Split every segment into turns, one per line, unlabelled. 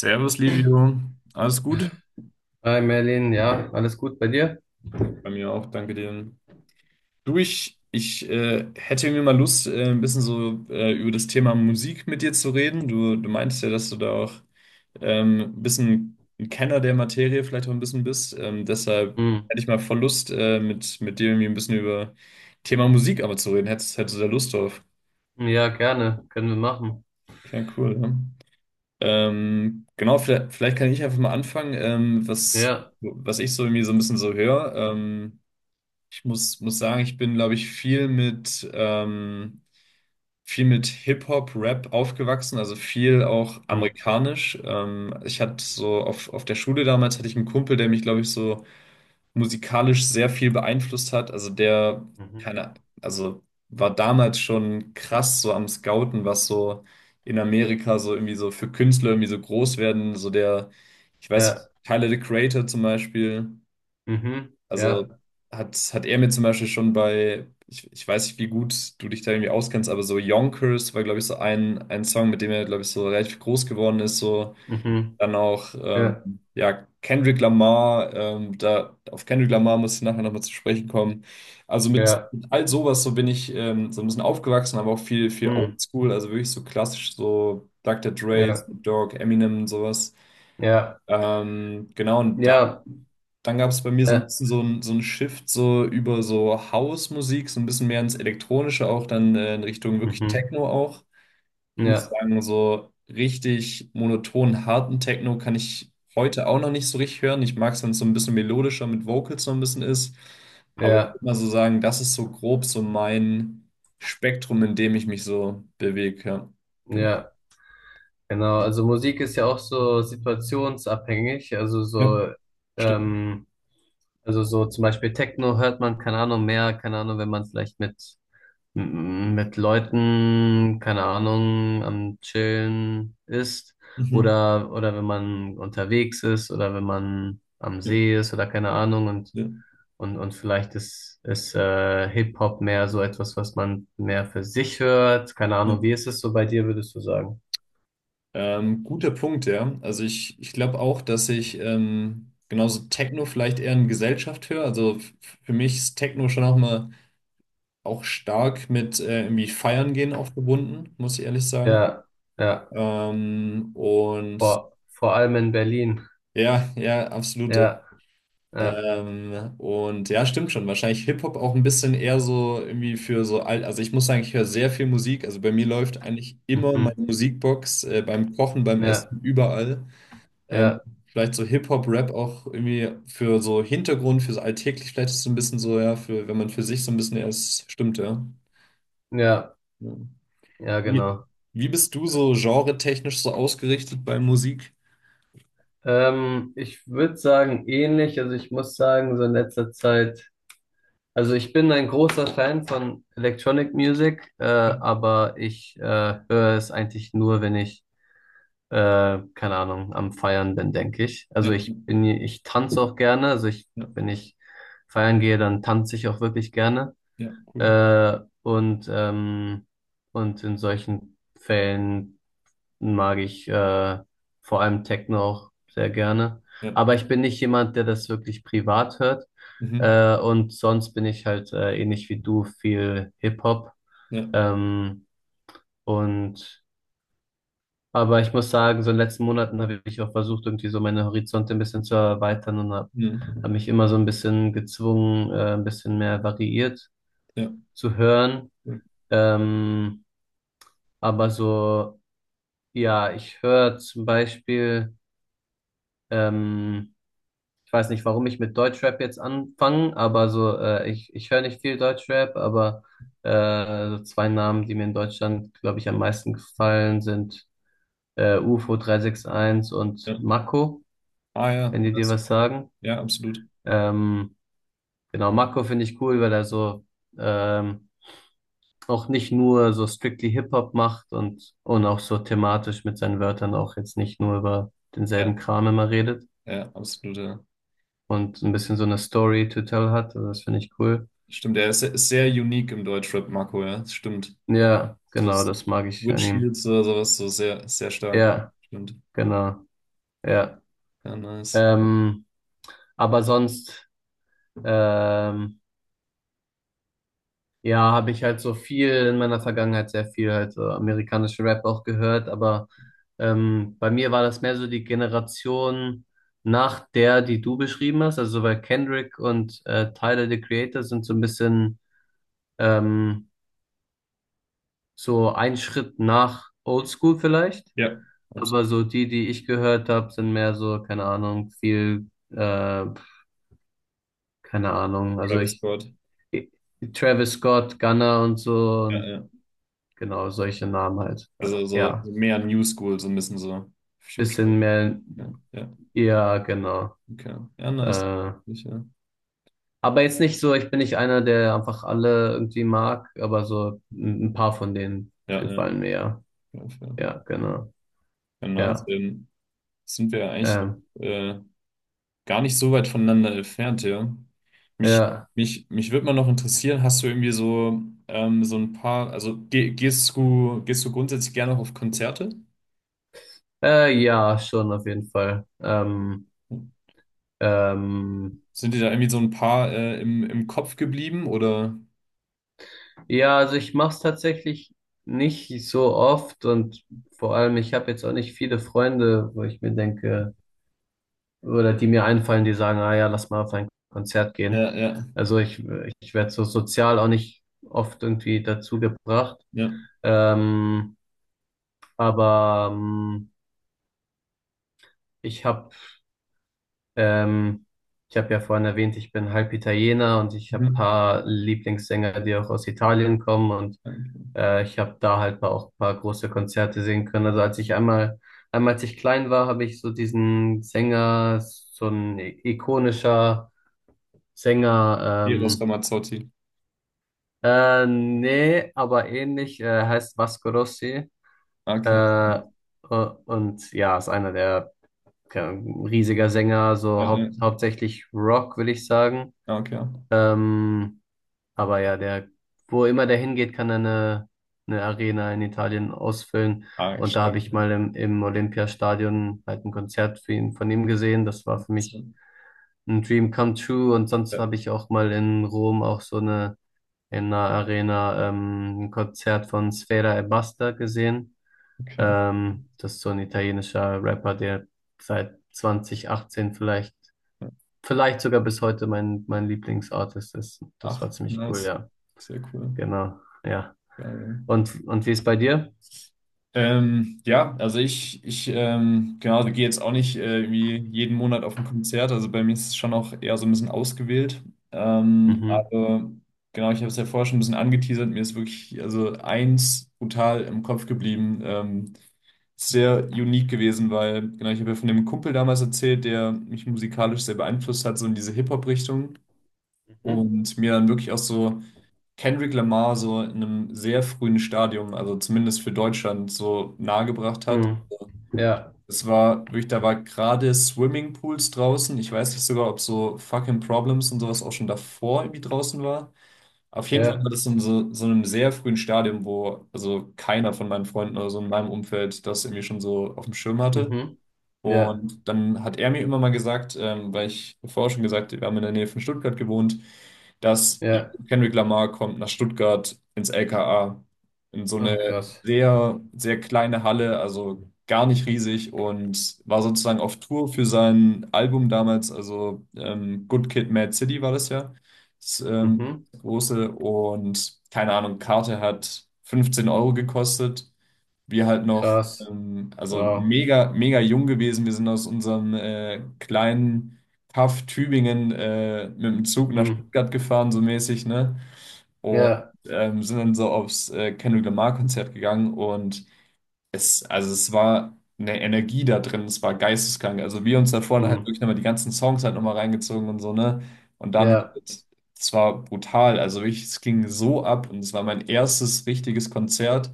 Servus, Livio. Alles gut?
Hi Merlin, ja, alles gut bei dir?
Bei mir auch, danke dir. Du, ich hätte mir mal Lust, ein bisschen so über das Thema Musik mit dir zu reden. Du meintest ja, dass du da auch ein bisschen ein Kenner der Materie vielleicht auch ein bisschen bist. Deshalb
Hm.
hätte ich mal voll Lust, mit dir irgendwie ein bisschen über Thema Musik aber zu reden. Hättest du da Lust drauf?
Ja, gerne, können wir machen.
Ja, cool, ja. Genau, vielleicht kann ich einfach mal anfangen, ähm, was,
Ja.
was ich so irgendwie so ein bisschen so höre. Ich muss sagen, ich bin, glaube ich, viel mit Hip-Hop, Rap aufgewachsen, also viel auch
Hm.
amerikanisch. Ich hatte so auf der Schule damals hatte ich einen Kumpel, der mich, glaube ich, so musikalisch sehr viel beeinflusst hat. Also der,
Mhm. Mhm.
keine, also war damals schon krass so am Scouten, was so in Amerika so irgendwie so für Künstler irgendwie so groß werden. So der, ich weiß,
Ja.
Tyler the Creator zum Beispiel.
Mhm. Ja.
Also hat er mir zum Beispiel schon bei, ich weiß nicht, wie gut du dich da irgendwie auskennst, aber so Yonkers war, glaube ich, so ein Song, mit dem er, glaube ich, so relativ groß geworden ist. So
Mhm.
dann auch,
Ja.
ja, Kendrick Lamar, da, auf Kendrick Lamar muss ich nachher nochmal zu sprechen kommen. Also mit,
Ja.
mit all sowas, so bin ich so ein bisschen aufgewachsen, aber auch viel, viel
Hm.
Oldschool, also wirklich so klassisch, so Dr. Dre,
Ja.
Snoop Dogg, Eminem, sowas.
Ja.
Genau, und
Ja.
dann gab es bei mir so ein
Ja.
bisschen so ein Shift so über so House-Musik, so ein bisschen mehr ins Elektronische auch, dann in Richtung wirklich
Mhm.
Techno auch. Ich muss
Ja.
sagen, so richtig monoton, harten Techno kann ich heute auch noch nicht so richtig hören. Ich mag es, wenn es so ein bisschen melodischer mit Vocals so ein bisschen ist. Aber ich
Ja.
würde mal so sagen, das ist so grob so mein Spektrum, in dem ich mich so bewege. Ja, genau.
Ja. Genau, also Musik ist ja auch so situationsabhängig,
Ja, stimmt.
ähm, also so zum Beispiel Techno hört man, keine Ahnung, mehr, keine Ahnung, wenn man vielleicht mit, mit Leuten, keine Ahnung, am Chillen ist
Mhm.
oder, wenn man unterwegs ist oder wenn man am
Ja,
See ist oder keine Ahnung und,
ja,
vielleicht ist, ist Hip-Hop mehr so etwas, was man mehr für sich hört, keine Ahnung,
ja.
wie ist es so bei dir, würdest du sagen?
Guter Punkt, ja. Also ich glaube auch, dass ich genauso Techno vielleicht eher in Gesellschaft höre. Also für mich ist Techno schon auch mal auch stark mit irgendwie Feiern gehen auch verbunden, muss ich ehrlich sagen.
Ja, ja.
Und
Vor allem in Berlin.
ja, ja, absolut. Ja.
Ja, ja,
Und ja, stimmt schon. Wahrscheinlich Hip-Hop auch ein bisschen eher so irgendwie für so alt. Also ich muss sagen, ich höre sehr viel Musik. Also bei mir läuft eigentlich immer meine
mhm.
Musikbox beim Kochen, beim
Ja,
Essen, überall. Ähm,
ja,
vielleicht so Hip-Hop-Rap auch irgendwie für so Hintergrund, für so alltäglich, vielleicht ist es so ein bisschen so, ja, für, wenn man für sich so ein bisschen erst stimmt, ja.
ja,
Ja.
ja,
Wie,
genau.
wie bist du so genretechnisch so ausgerichtet bei Musik?
Ich würde sagen, ähnlich. Also ich muss sagen, so in letzter Zeit, also ich bin ein großer Fan von Electronic Music,
Ja,
aber ich höre es eigentlich nur, wenn ich, keine Ahnung, am Feiern bin, denke ich.
ja,
Also ich tanze auch gerne.
ja,
Wenn ich feiern gehe, dann tanze ich auch wirklich gerne.
ja, cool.
Äh, und, ähm, und in solchen Fällen mag ich vor allem Techno auch sehr gerne.
Ja,
Aber ich bin nicht jemand, der das wirklich privat hört.
mhm,
Und sonst bin ich halt ähnlich wie du viel Hip-Hop.
ja,
Ähm, und aber ich muss sagen, so in den letzten Monaten habe ich auch versucht, irgendwie so meine Horizonte ein bisschen zu erweitern und habe
mhm,
hab hab mich immer so ein bisschen gezwungen, ein bisschen mehr variiert
ja,
zu hören.
cool.
Ähm, Aber so, ja, ich höre zum Beispiel, ähm, ich weiß nicht, warum ich mit Deutschrap jetzt anfange, aber so, ich höre nicht viel Deutschrap, aber so zwei Namen, die mir in Deutschland, glaube ich, am meisten gefallen sind, UFO 361 und
Ja.
Mako,
Ah ja,
wenn die dir was sagen.
ja, absolut.
Ähm, genau, Mako finde ich cool, weil er so, ähm, auch nicht nur so strictly Hip-Hop macht und, auch so thematisch mit seinen Wörtern auch jetzt nicht nur über
Ja,
denselben Kram immer redet
ja, absolut, ja.
und ein bisschen so eine Story to tell hat. Also das finde ich cool.
Stimmt, der ist sehr unique im Deutschrap, Marco, ja, das stimmt.
Ja,
So
genau, das mag ich an
Switch
ihm.
Heels oder sowas, so sehr, sehr stark.
Ja,
Stimmt.
genau, ja.
Ja, nice.
Ähm, aber sonst, ähm, Ja, habe ich halt so viel in meiner Vergangenheit sehr viel halt so amerikanischen Rap auch gehört, aber bei mir war das mehr so die Generation nach der, die du beschrieben hast, also weil Kendrick und Tyler the Creator sind so ein bisschen ähm, so ein Schritt nach Oldschool vielleicht,
Ja, absolut.
aber so die, die ich gehört habe, sind mehr so, keine Ahnung, viel, keine Ahnung, also
Travis
ich,
Scott.
ich Travis Scott, Gunner und so
Ja,
und
ja.
genau solche Namen halt,
Also so
ja.
so mehr New School, so ein bisschen so Future.
Bisschen mehr,
Ja, ja,
ja, genau.
okay. Ja, nice.
Äh,
Sicher.
aber jetzt nicht so, ich bin nicht einer, der einfach alle irgendwie mag, aber so ein paar von denen
Ja, ja.
gefallen mir ja.
Ja, fair.
Ja, genau.
Ja, nice.
Ja,
Dann sind wir ja eigentlich
ähm,
äh, gar nicht so weit voneinander entfernt, ja. Mich,
ja,
mich würde mal noch interessieren, hast du irgendwie so, so ein paar, also gehst du grundsätzlich gerne auf Konzerte?
ja, schon auf jeden Fall. Ähm,
Sind dir da irgendwie so ein paar im Kopf geblieben oder?
ja, also ich mach's tatsächlich nicht so oft und vor allem, ich habe jetzt auch nicht viele Freunde, wo ich mir denke, oder die mir einfallen, die sagen, ah ja, lass mal auf ein Konzert gehen.
Ja, ja,
Also ich werde so sozial auch nicht oft irgendwie dazu gebracht.
ja.
Ähm, aber ich habe ähm, ich habe ja vorhin erwähnt, ich bin halb Italiener und ich habe
Ja,
paar Lieblingssänger, die auch aus Italien kommen und
danke.
ich habe da halt auch ein paar große Konzerte sehen können. Also einmal als ich klein war, habe ich so diesen Sänger, so ein ikonischer Sänger,
Eros Ramazzotti.
nee, aber ähnlich, heißt Vasco Rossi.
Okay.
Äh, u- und ja, ist einer der keine Ahnung, riesiger Sänger, so
Ja, ja.
hauptsächlich Rock, will ich sagen.
Ah, okay.
Ähm, aber ja, der, wo immer der hingeht, kann er eine, Arena in Italien ausfüllen.
Ah,
Und da
stark.
habe ich
Ja.
mal im Olympiastadion halt ein Konzert für ihn, von ihm gesehen. Das war
Das
für
ist ja-
mich ein Dream come true. Und sonst
ja,
habe ich auch mal in Rom auch so eine in der Arena ein Konzert von Sfera Ebbasta gesehen.
okay.
Das ist so ein italienischer Rapper, der seit 2018
Ja.
vielleicht sogar bis heute mein Lieblingsartist ist. Das war
Ach,
ziemlich cool,
nice.
ja.
Sehr cool.
Genau, ja.
Geil. Ja.
Und wie ist bei dir?
Ja, also ich genau, gehe jetzt auch nicht irgendwie jeden Monat auf ein Konzert. Also bei mir ist es schon auch eher so ein bisschen ausgewählt. Ähm,
Mhm.
aber genau, ich habe es ja vorher schon ein bisschen angeteasert. Mir ist wirklich also eins brutal im Kopf geblieben. Sehr unique gewesen, weil, genau, ich habe ja von dem Kumpel damals erzählt, der mich musikalisch sehr beeinflusst hat, so in diese Hip-Hop-Richtung.
Mhm.
Und mir dann wirklich auch so Kendrick Lamar so in einem sehr frühen Stadium, also zumindest für Deutschland, so nahegebracht hat.
Mhm. Ja,
Es war wirklich, da war gerade Swimmingpools draußen. Ich weiß nicht sogar, ob so Fucking Problems und sowas auch schon davor irgendwie draußen war. Auf jeden Fall
ja,
war das in so einem sehr frühen Stadium, wo also keiner von meinen Freunden oder so in meinem Umfeld das irgendwie schon so auf dem Schirm hatte.
mhm. Ja,
Und dann hat er mir immer mal gesagt, weil ich vorher schon gesagt, wir haben in der Nähe von Stuttgart gewohnt, dass
ja.
Kendrick Lamar kommt nach Stuttgart ins LKA in so
Ach,
eine
krass.
sehr, sehr kleine Halle, also gar nicht riesig und war sozusagen auf Tour für sein Album damals, also Good Kid, Mad City war das ja, das
Mhm.
große und keine Ahnung, Karte hat 15 € gekostet wir halt noch,
Krass.
also
Wow.
mega, mega jung gewesen. Wir sind aus unserem kleinen Kaff Tübingen mit dem Zug nach
Mhm.
Stuttgart gefahren, so mäßig, ne? Und
Ja,
sind dann so aufs Kendrick Lamar-Konzert gegangen und es war eine Energie da drin, es war geisteskrank. Also wir uns da vorne halt
mhm.
wirklich nochmal die ganzen Songs halt nochmal reingezogen und so, ne? Und dann,
Ja,
es war brutal. Also wirklich, es ging so ab und es war mein erstes richtiges Konzert.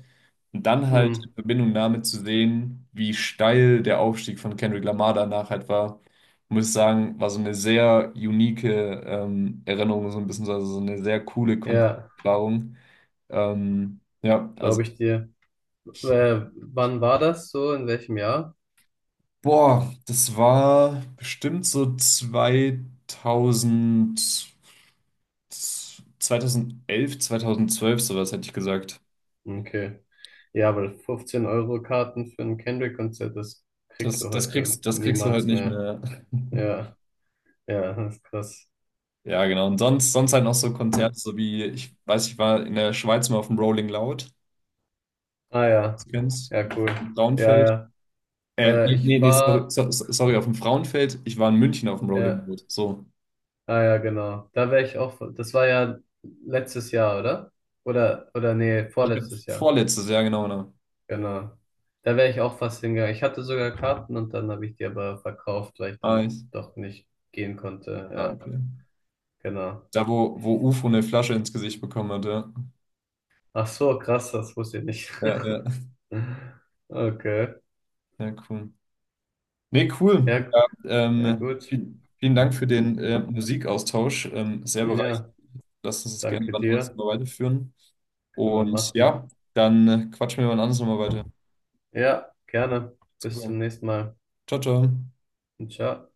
Und dann halt in
mhm.
Verbindung damit zu sehen, wie steil der Aufstieg von Kendrick Lamar danach halt war, muss ich sagen, war so eine sehr unique Erinnerung, so ein bisschen, also so eine sehr coole
Ja,
Konzerterfahrung. Ja, also.
glaube ich dir. Wann war das so? In welchem Jahr?
Boah, das war bestimmt so 2000, 2011, 2012, sowas hätte ich gesagt.
Okay. Ja, weil 15 € Karten für ein Kendrick-Konzert, das kriegst du
Das, das
heute
kriegst, das kriegst du halt
niemals
nicht
mehr.
mehr.
Ja, ja, das ist krass.
Ja, genau. Und sonst halt noch so Konzerte, so wie, ich weiß, ich war in der Schweiz mal auf dem Rolling Loud,
Ah ja,
das du kennst,
ja, cool.
im
Ja,
Frauenfeld.
ja.
Äh,
Äh,
nee,
ich
nee, nee, sorry,
war,
sorry, auf dem Frauenfeld. Ich war in München auf dem Rolling
ja,
Loud. So.
ah ja, genau. Da wäre ich auch, das war ja letztes Jahr, oder? Oder nee,
Ich glaub,
vorletztes Jahr.
vorletztes Jahr, genau, genau.
Genau. Da wäre ich auch fast hingegangen. Ich hatte sogar Karten und dann habe ich die aber verkauft, weil ich
Ah,
dann doch nicht gehen konnte. Ja.
okay.
Genau.
Da, wo Ufo eine Flasche ins Gesicht bekommen hat, ja.
Ach so, krass, das wusste ich nicht.
Ja, ja,
Okay.
ja, cool. Nee, cool.
Ja,
Ja,
ja, gut.
vielen Dank für den Musikaustausch. Sehr bereichernd.
Ja,
Lass uns das gerne
danke
wann anders
dir.
mal weiterführen.
Können wir
Und
machen.
ja, dann quatschen wir wann anders nochmal weiter.
Ja, gerne. Bis
Super.
zum nächsten Mal.
Ciao, ciao.
Ciao.